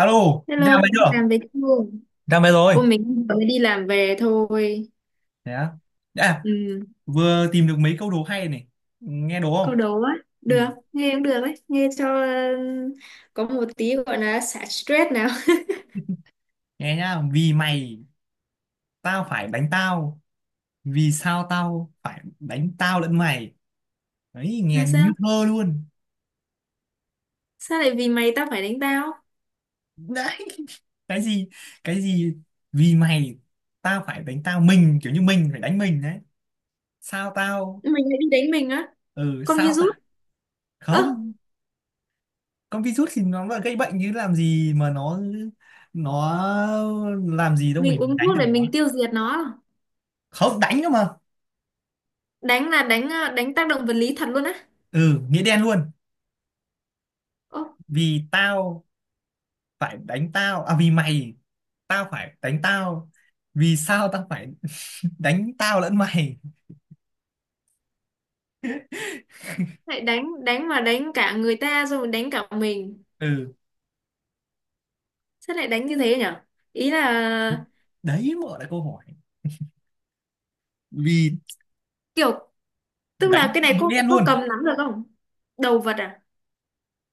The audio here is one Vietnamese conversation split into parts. Alo, ra Hello, cô máy đi chưa? làm về chưa? Ra máy rồi. Cô mình mới đi làm về thôi. Thế á. À, Ừ, vừa tìm được mấy câu đố hay này. Nghe đố câu không? đố á. Ừ. Được, nghe cũng được đấy. Nghe cho có một tí gọi là xả stress nào. Nghe nhá. Vì mày, tao phải đánh tao. Vì sao tao phải đánh tao lẫn mày? Đấy, nghe Là như sao? thơ luôn. Sao lại vì mày tao phải đánh tao? Đấy, cái gì? Cái gì? Vì mày, tao phải đánh tao. Mình, kiểu như mình phải đánh mình đấy. Sao tao? Mình lại đi đánh mình á. Ừ, Con sao tao? virus. Ơ, Không, con virus thì nó là gây bệnh chứ làm gì mà nó làm gì đâu mình mình uống đánh thuốc được để nó, mình tiêu diệt nó. À? không đánh cơ mà, Đánh là đánh tác động vật lý thật luôn á. ừ, nghĩa đen luôn. Ô, Vì tao phải đánh tao à? Vì mày tao phải đánh tao, vì sao tao phải đánh tao lẫn mày? lại đánh đánh mà đánh cả người ta rồi đánh cả mình. Ừ, Sao lại đánh như thế nhở? Ý là đấy, mở lại câu hỏi. Vì kiểu, tức đánh là cái này nghĩa có đen có luôn, cầm nắm được không? Đồ vật à?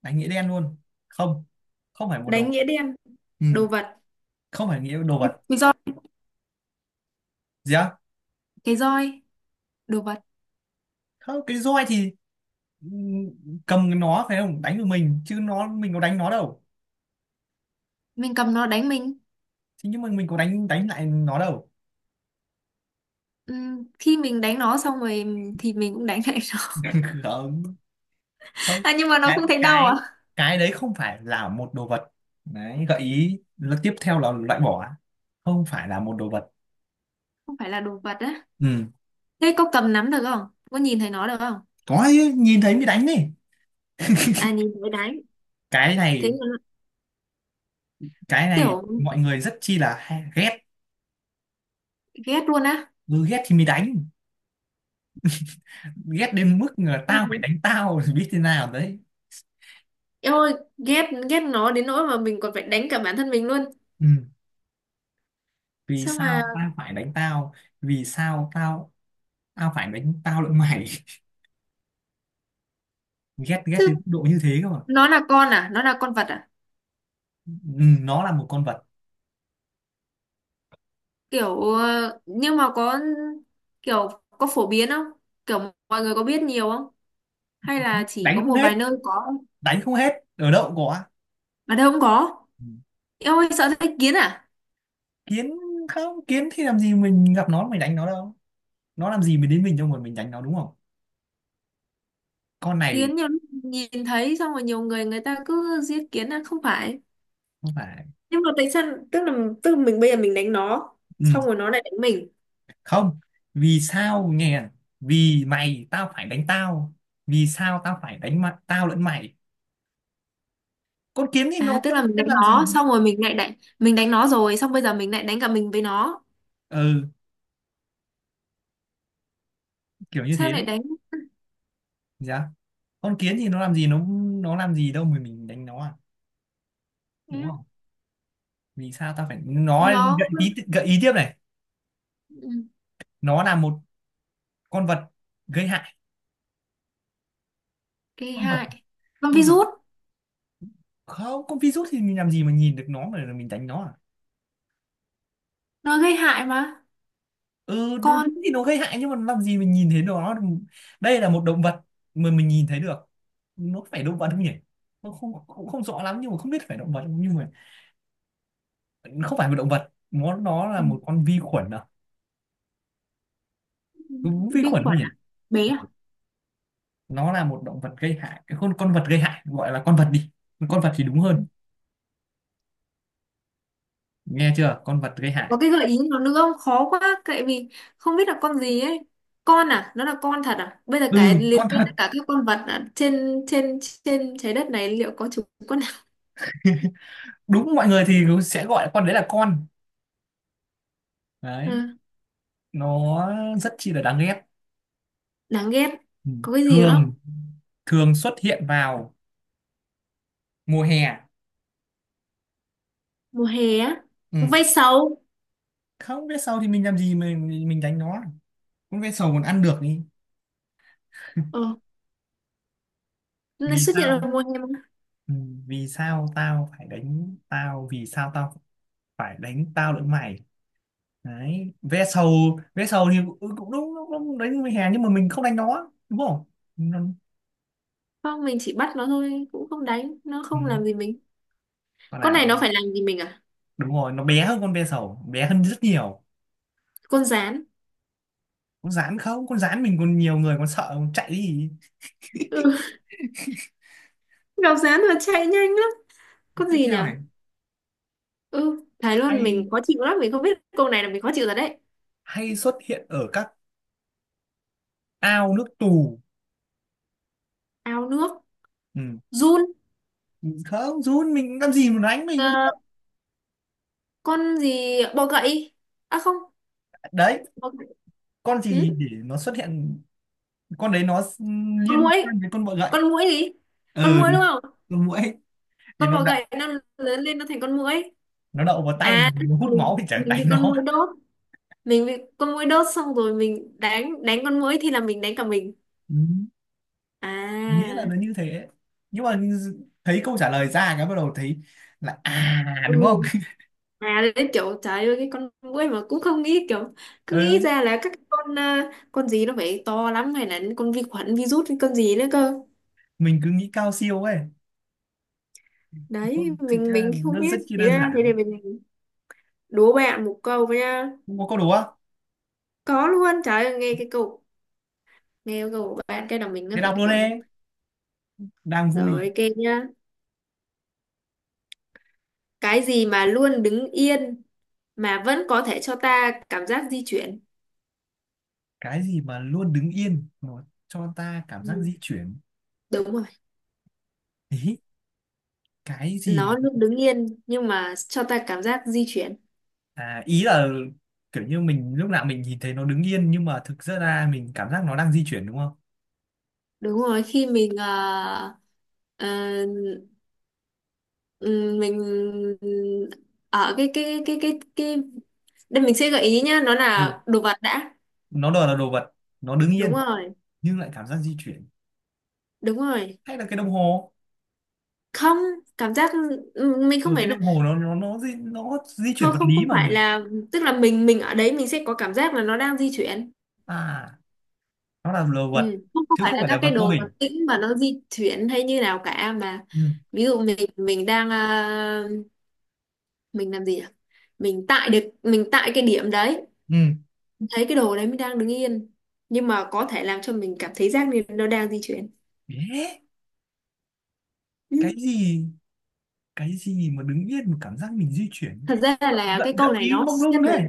đánh nghĩa đen luôn. Không, không phải một đồ. Đánh nghĩa đen. Ừ. Đồ vật. Không phải nghĩa đồ vật. Cái, roi. Gì á? Cái roi. Đồ vật. Không, cái roi thì, ừ, cầm nó phải không đánh được mình chứ, nó mình có đánh nó đâu. Mình cầm nó đánh mình. Thế nhưng mà mình có đánh đánh lại nó đâu. Khi mình đánh nó xong rồi thì mình cũng đánh lại nó. Không, không, À nhưng mà nó cái không thấy đau à? cái cái đấy không phải là một đồ vật. Đấy, gợi ý là tiếp theo là loại bỏ. Không phải là một đồ vật. Không phải là đồ vật á. Ừ, Thế có cầm nắm được không? Có nhìn thấy nó được không? có chứ, nhìn thấy mới đánh đi. À nhìn thấy đánh. Cái Thế này, mà nó cái này kiểu mọi người rất chi là hay, ghét. ghét luôn á. Ừ, ghét thì mới đánh, ghét đến mức là Ừ. tao phải đánh tao thì biết thế nào đấy. Em ơi, ghét ghét nó đến nỗi mà mình còn phải đánh cả bản thân mình luôn. Ừ. Vì Sao sao mà tao phải đánh tao, vì sao tao, tao phải đánh tao lẫn mày. ghét ghét đến chứ, mức độ như thế cơ mà. nó là con à? Nó là con vật à? Ừ, nó là một con vật. Kiểu nhưng mà có kiểu, có phổ biến không, kiểu mọi người có biết nhiều không, hay là chỉ Đánh có không một hết, vài nơi có, đánh không hết, ở đâu cũng có. ở đâu không có. Ừ. Em ơi sợ thấy kiến à? Kiến, không, kiến thì làm gì mình gặp nó mình đánh nó đâu, nó làm gì mình đến mình đâu mà mình đánh nó, đúng không? Con này Kiến nhiều lúc nhìn thấy xong rồi nhiều người người ta cứ giết kiến, à không phải. không phải. Nhưng mà tại sao, tức là, tức là mình bây giờ mình đánh nó Ừ. xong rồi nó lại đánh mình. Không, vì sao nghe à? Vì mày tao phải đánh tao, vì sao tao phải đánh mặt tao lẫn mày, con kiến thì nó À tức có là mình đánh làm gì? nó xong rồi mình lại đánh, mình đánh nó rồi xong bây giờ mình lại đánh cả mình với nó. Ừ, kiểu như Sao thế đấy. lại đánh Dạ, con kiến thì nó làm gì nó làm gì đâu mà mình đánh nó à, đúng không? Vì sao tao phải nó? gợi nó? ý gợi ý tiếp này, Ừ, nó là một con vật gây hại. gây Con vật, hại. Nó con vật. virus, Không, con virus thì mình làm gì mà nhìn được nó mà mình đánh nó à? nó gây hại mà. Ừ đúng, Con, đúng thì nó gây hại nhưng mà làm gì mình nhìn thấy nó. Đây là một động vật mà mình nhìn thấy được. Nó phải động vật không nhỉ? Nó không cũng không rõ lắm, nhưng mà không biết phải động vật không, nhưng mà không phải một động vật, nó là ừ, một con vi khuẩn à? Đúng vi vi khuẩn không khuẩn nhỉ? à, bé Ừ. à. Nó là một động vật gây hại, cái con vật gây hại, gọi là con vật đi, con vật thì đúng Ừ. hơn. Nghe chưa, con vật gây hại. Có cái gợi ý nào nữa không, khó quá tại vì không biết là con gì ấy. Con à, nó là con thật à, bây giờ cái Ừ, liệt con kê thật. tất cả các con vật à? Trên trên trên trái đất này liệu có chúng con nào. Đúng, mọi người thì sẽ gọi con đấy là con. À, Đấy, nó rất chi là đáng ghét. đáng ghét. Ừ. Có cái gì nữa không? Thường, thường xuất hiện vào mùa hè. Mùa hè á. Ừ. Vây sầu. Không biết sau thì mình làm gì mình đánh nó, con ve sầu còn ăn được đi. Ờ, nó lại Vì xuất hiện sao ở ấy? mùa hè mà. Ừ. Vì sao tao phải đánh tao, vì sao tao phải đánh tao lẫn mày. Đấy, ve sầu. Ve sầu thì cũng, ừ, cũng đúng, đúng, đúng đánh mùa hè nhưng mà mình không đánh nó đúng không? Nó, Không mình chỉ bắt nó thôi, cũng không đánh nó, ừ. không làm gì mình. Con Con này nào? nó phải làm gì mình à? Đúng rồi, nó bé hơn con ve sầu, bé hơn rất nhiều. Con gián. Con gián, không, con gián mình còn, nhiều người còn sợ còn chạy đi. Ừ. Gặp gián là chạy nhanh lắm. Con Tiếp gì nhỉ? theo này, Ừ, thấy luôn hay, mình khó chịu lắm, mình không biết câu này là mình khó chịu rồi đấy. hay xuất hiện ở các ao nước tù. Ao nước, Ừ. giun, Không, run mình làm gì mà đánh mình. ờ, con gì bọ gậy? À không, Đấy, bọ gậy. con Ừ? gì để nó xuất hiện, con đấy nó Con liên muỗi, quan với con bọ gậy. con muỗi gì? Con Ừ muỗi đúng đúng, không? con muỗi thì Con bọ gậy nó lớn lên nó thành con muỗi. nó đậu vào tay À, tức nó là hút mình máu thì chẳng mình đánh bị con nó. muỗi đốt, mình bị con muỗi đốt xong rồi mình đánh đánh con muỗi thì là mình đánh cả mình. Ừ. Nghĩa là À, nó như thế. Nhưng mà thấy câu trả lời ra cái bắt đầu thấy là à, ừ. đúng không? À đấy kiểu trời ơi cái con muỗi mà cũng không nghĩ, kiểu cứ nghĩ Ừ. ra là các con, con gì nó phải to lắm hay là con vi khuẩn virus hay con gì nữa cơ. Mình cứ nghĩ cao siêu ấy. Ừ, Đấy thực mình ra mình không nó biết. rất chi Thế đơn ra thế, giản. để mình đố bạn một câu với nha. Không có câu đố á? Có luôn, trời ơi nghe cái câu, nghe cái câu của bạn cái đầu mình nó Thế phải đọc luôn kiểu. đi, đang vui. Rồi kê nhá, cái gì mà luôn đứng yên mà vẫn có thể cho ta cảm giác di chuyển. Cái gì mà luôn đứng yên nó cho ta cảm giác Ừ, di chuyển? đúng rồi, Ý cái gì nó mà, luôn đứng yên nhưng mà cho ta cảm giác di chuyển. à, ý là kiểu như mình lúc nào mình nhìn thấy nó đứng yên nhưng mà thực ra ra mình cảm giác nó đang di chuyển đúng không? Đúng rồi. Khi mình ờ, Ờ, mình ở cái đây mình sẽ gợi ý nhá, nó Ừ. là đồ vật đã. Nó đòi là đồ vật, nó đứng Đúng yên rồi. nhưng lại cảm giác di chuyển. Đúng rồi. Hay là cái đồng hồ? Không, cảm giác, mình không Ừ, cái phải đồng là, hồ nó di, nó di chuyển không vật không lý không mà nhỉ. phải là, tức là mình ở đấy mình sẽ có cảm giác là nó đang di chuyển. À, nó là đồ vật Ừ. Không không chứ phải không là phải là các cái vật vô đồ vật hình. tĩnh mà nó di chuyển hay như nào cả mà Ừ. ví dụ mình đang mình làm gì nhỉ? Mình tại được mình tại cái điểm đấy Ừ. thấy cái đồ đấy mới đang đứng yên nhưng mà có thể làm cho mình cảm thấy giác nên nó đang di chuyển. Yeah. Ừ, Cái gì, cái gì mà đứng yên mà cảm giác mình di chuyển? thật ra gợi, là gợi, cái câu gợi này ý nó mông lung xét về, đấy.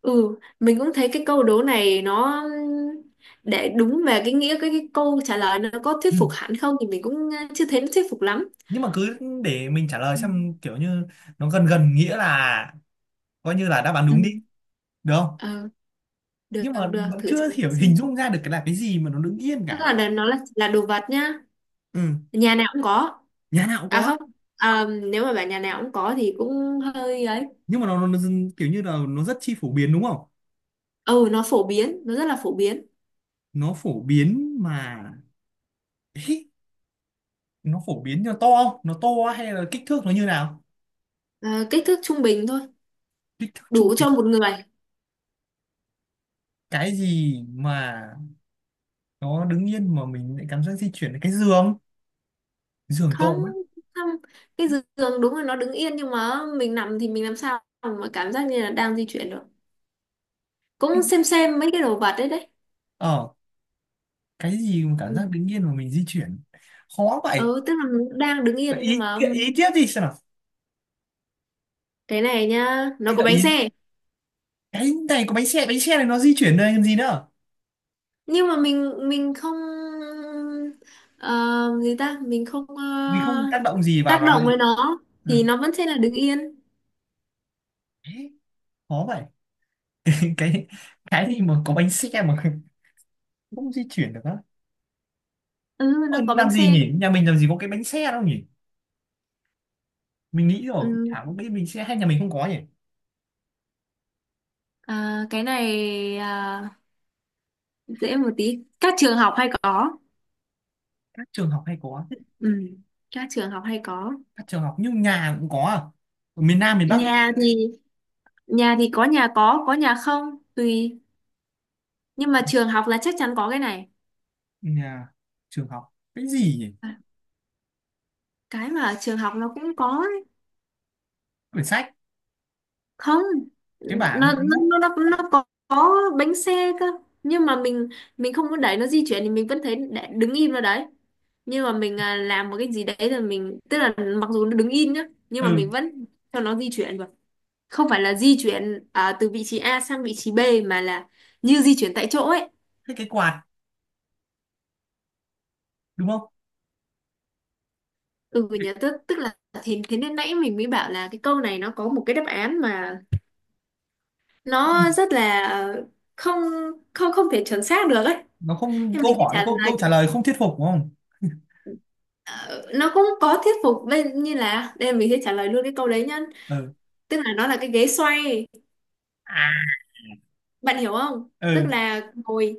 ừ mình cũng thấy cái câu đố này nó để đúng về cái nghĩa cái câu trả lời nó có thuyết Ừ. phục hẳn không thì mình cũng chưa thấy nó thuyết phục lắm. Nhưng mà cứ để mình trả lời Ừ, xem, kiểu như nó gần gần nghĩa là coi như là đáp án ừ, đúng đi, được không? ờ, được. Nhưng mà Được vẫn thử trả chưa lời hiểu, hình xem, dung ra được cái là cái gì mà nó đứng yên tức cả. là đ- nó là đồ vật nhá, Ừ. nhà nào cũng có. Nhà nào cũng À có. không, à, nếu mà bảo nhà nào cũng có thì cũng hơi ấy. Nhưng mà nó dưng- kiểu như là nó rất chi phổ biến đúng không? Ừ nó phổ biến, nó rất là phổ biến. Nó phổ biến mà. Ý, nó phổ biến, nó to không, nó to hay là kích thước nó như nào? Ờ, kích thước trung bình thôi, Kích thước trung đủ bình. cho một người. Cái gì mà nó đứng yên mà mình lại cảm giác di chuyển là cái giường, giường tổ Không. ấy. Không, cái giường đúng là nó đứng yên nhưng mà mình nằm thì mình làm sao mà cảm giác như là đang di chuyển được. Cũng xem mấy cái đồ vật đấy đấy. Ờ, cái gì mà cảm Ừ. giác đứng yên mà mình di chuyển, khó vậy? Ừ, tức là nó đang đứng Vậy yên nhưng ý, mà gợi ý tiếp đi xem nào. cái này nhá, nó Hay có gợi ý. bánh xe. Cái này có bánh xe, bánh xe này nó di chuyển, đây làm gì nữa Nhưng mà mình không, ờ, gì ta mình không vì không ờ, tác động gì vào tác nó động vậy. với nó Ừ. thì nó vẫn sẽ là đứng yên. Thế, khó vậy. cái cái gì mà có bánh xe mà không di chuyển được á? Ừ Ôi, nó có bánh làm gì xe. nhỉ, nhà mình làm gì có cái bánh xe đâu nhỉ, mình nghĩ rồi cũng Ừ. chả có cái bánh xe, hay nhà mình không có nhỉ. À, cái này, à, dễ một tí, các trường học hay có. Các trường học hay có. Ừ. Các trường học hay có. Các trường học, nhưng nhà cũng có à, ở miền Nam miền Bắc. Nhà thì, nhà thì có, nhà có nhà không, tùy. Nhưng mà trường học là chắc chắn có cái này. Nhà trường học cái gì nhỉ? À, cái mà ở trường học nó cũng có ấy. Quyển sách, Không, cái bảng, nó nó cái bút. nó nó có bánh xe cơ nhưng mà mình không có đẩy nó di chuyển thì mình vẫn thấy để- đứng im ở đấy. Nhưng mà mình làm một cái gì đấy là mình tức là mặc dù nó đứng im nhá nhưng mà mình Ừ, vẫn cho nó di chuyển được. Không phải là di chuyển từ vị trí A sang vị trí B mà là như di chuyển tại chỗ ấy. thế cái quạt, đúng không? Ừ Cái- nhớ, tức tức là thế, thế nên nãy mình mới bảo là cái câu này nó có một cái đáp án mà nó rất là không, không thể chuẩn xác được ấy nó không, nên câu mình sẽ hỏi trả câu lời. câu trả lời không thuyết phục đúng không? Ờ, nó cũng có thuyết phục bên như là đây mình sẽ trả lời luôn cái câu đấy nhá, Ừ. tức là nó là cái ghế xoay. À. Bạn hiểu không, tức Ừ. là ngồi,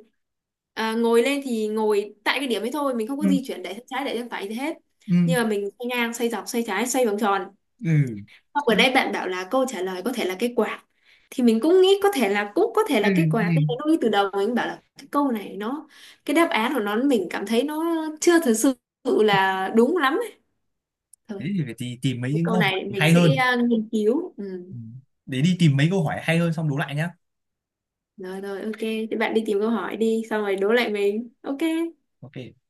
à, ngồi lên thì ngồi tại cái điểm ấy thôi, mình không có Ừ. di chuyển để sang trái để sang phải gì hết Ừ. nhưng mà mình xoay ngang xoay dọc xoay trái xoay vòng tròn. Ừ. Xong ở đây bạn bảo là câu trả lời có thể là cái quạt thì mình cũng nghĩ có thể là, cũng có thể Ừ. là cái quạt nên nó Ừ. ngay từ đầu mình bảo là cái câu này nó, cái đáp án của nó mình cảm thấy nó chưa thực sự là đúng lắm ấy. Thế Thôi thì phải tì- tìm mấy cái những câu câu hỏi này mình hay sẽ hơn. Nghiên cứu. Ừ. Ừ. Để đi tìm mấy câu hỏi hay hơn xong đố lại nhá. Rồi rồi ok thì bạn đi tìm câu hỏi đi xong rồi đố lại mình ok. Ok.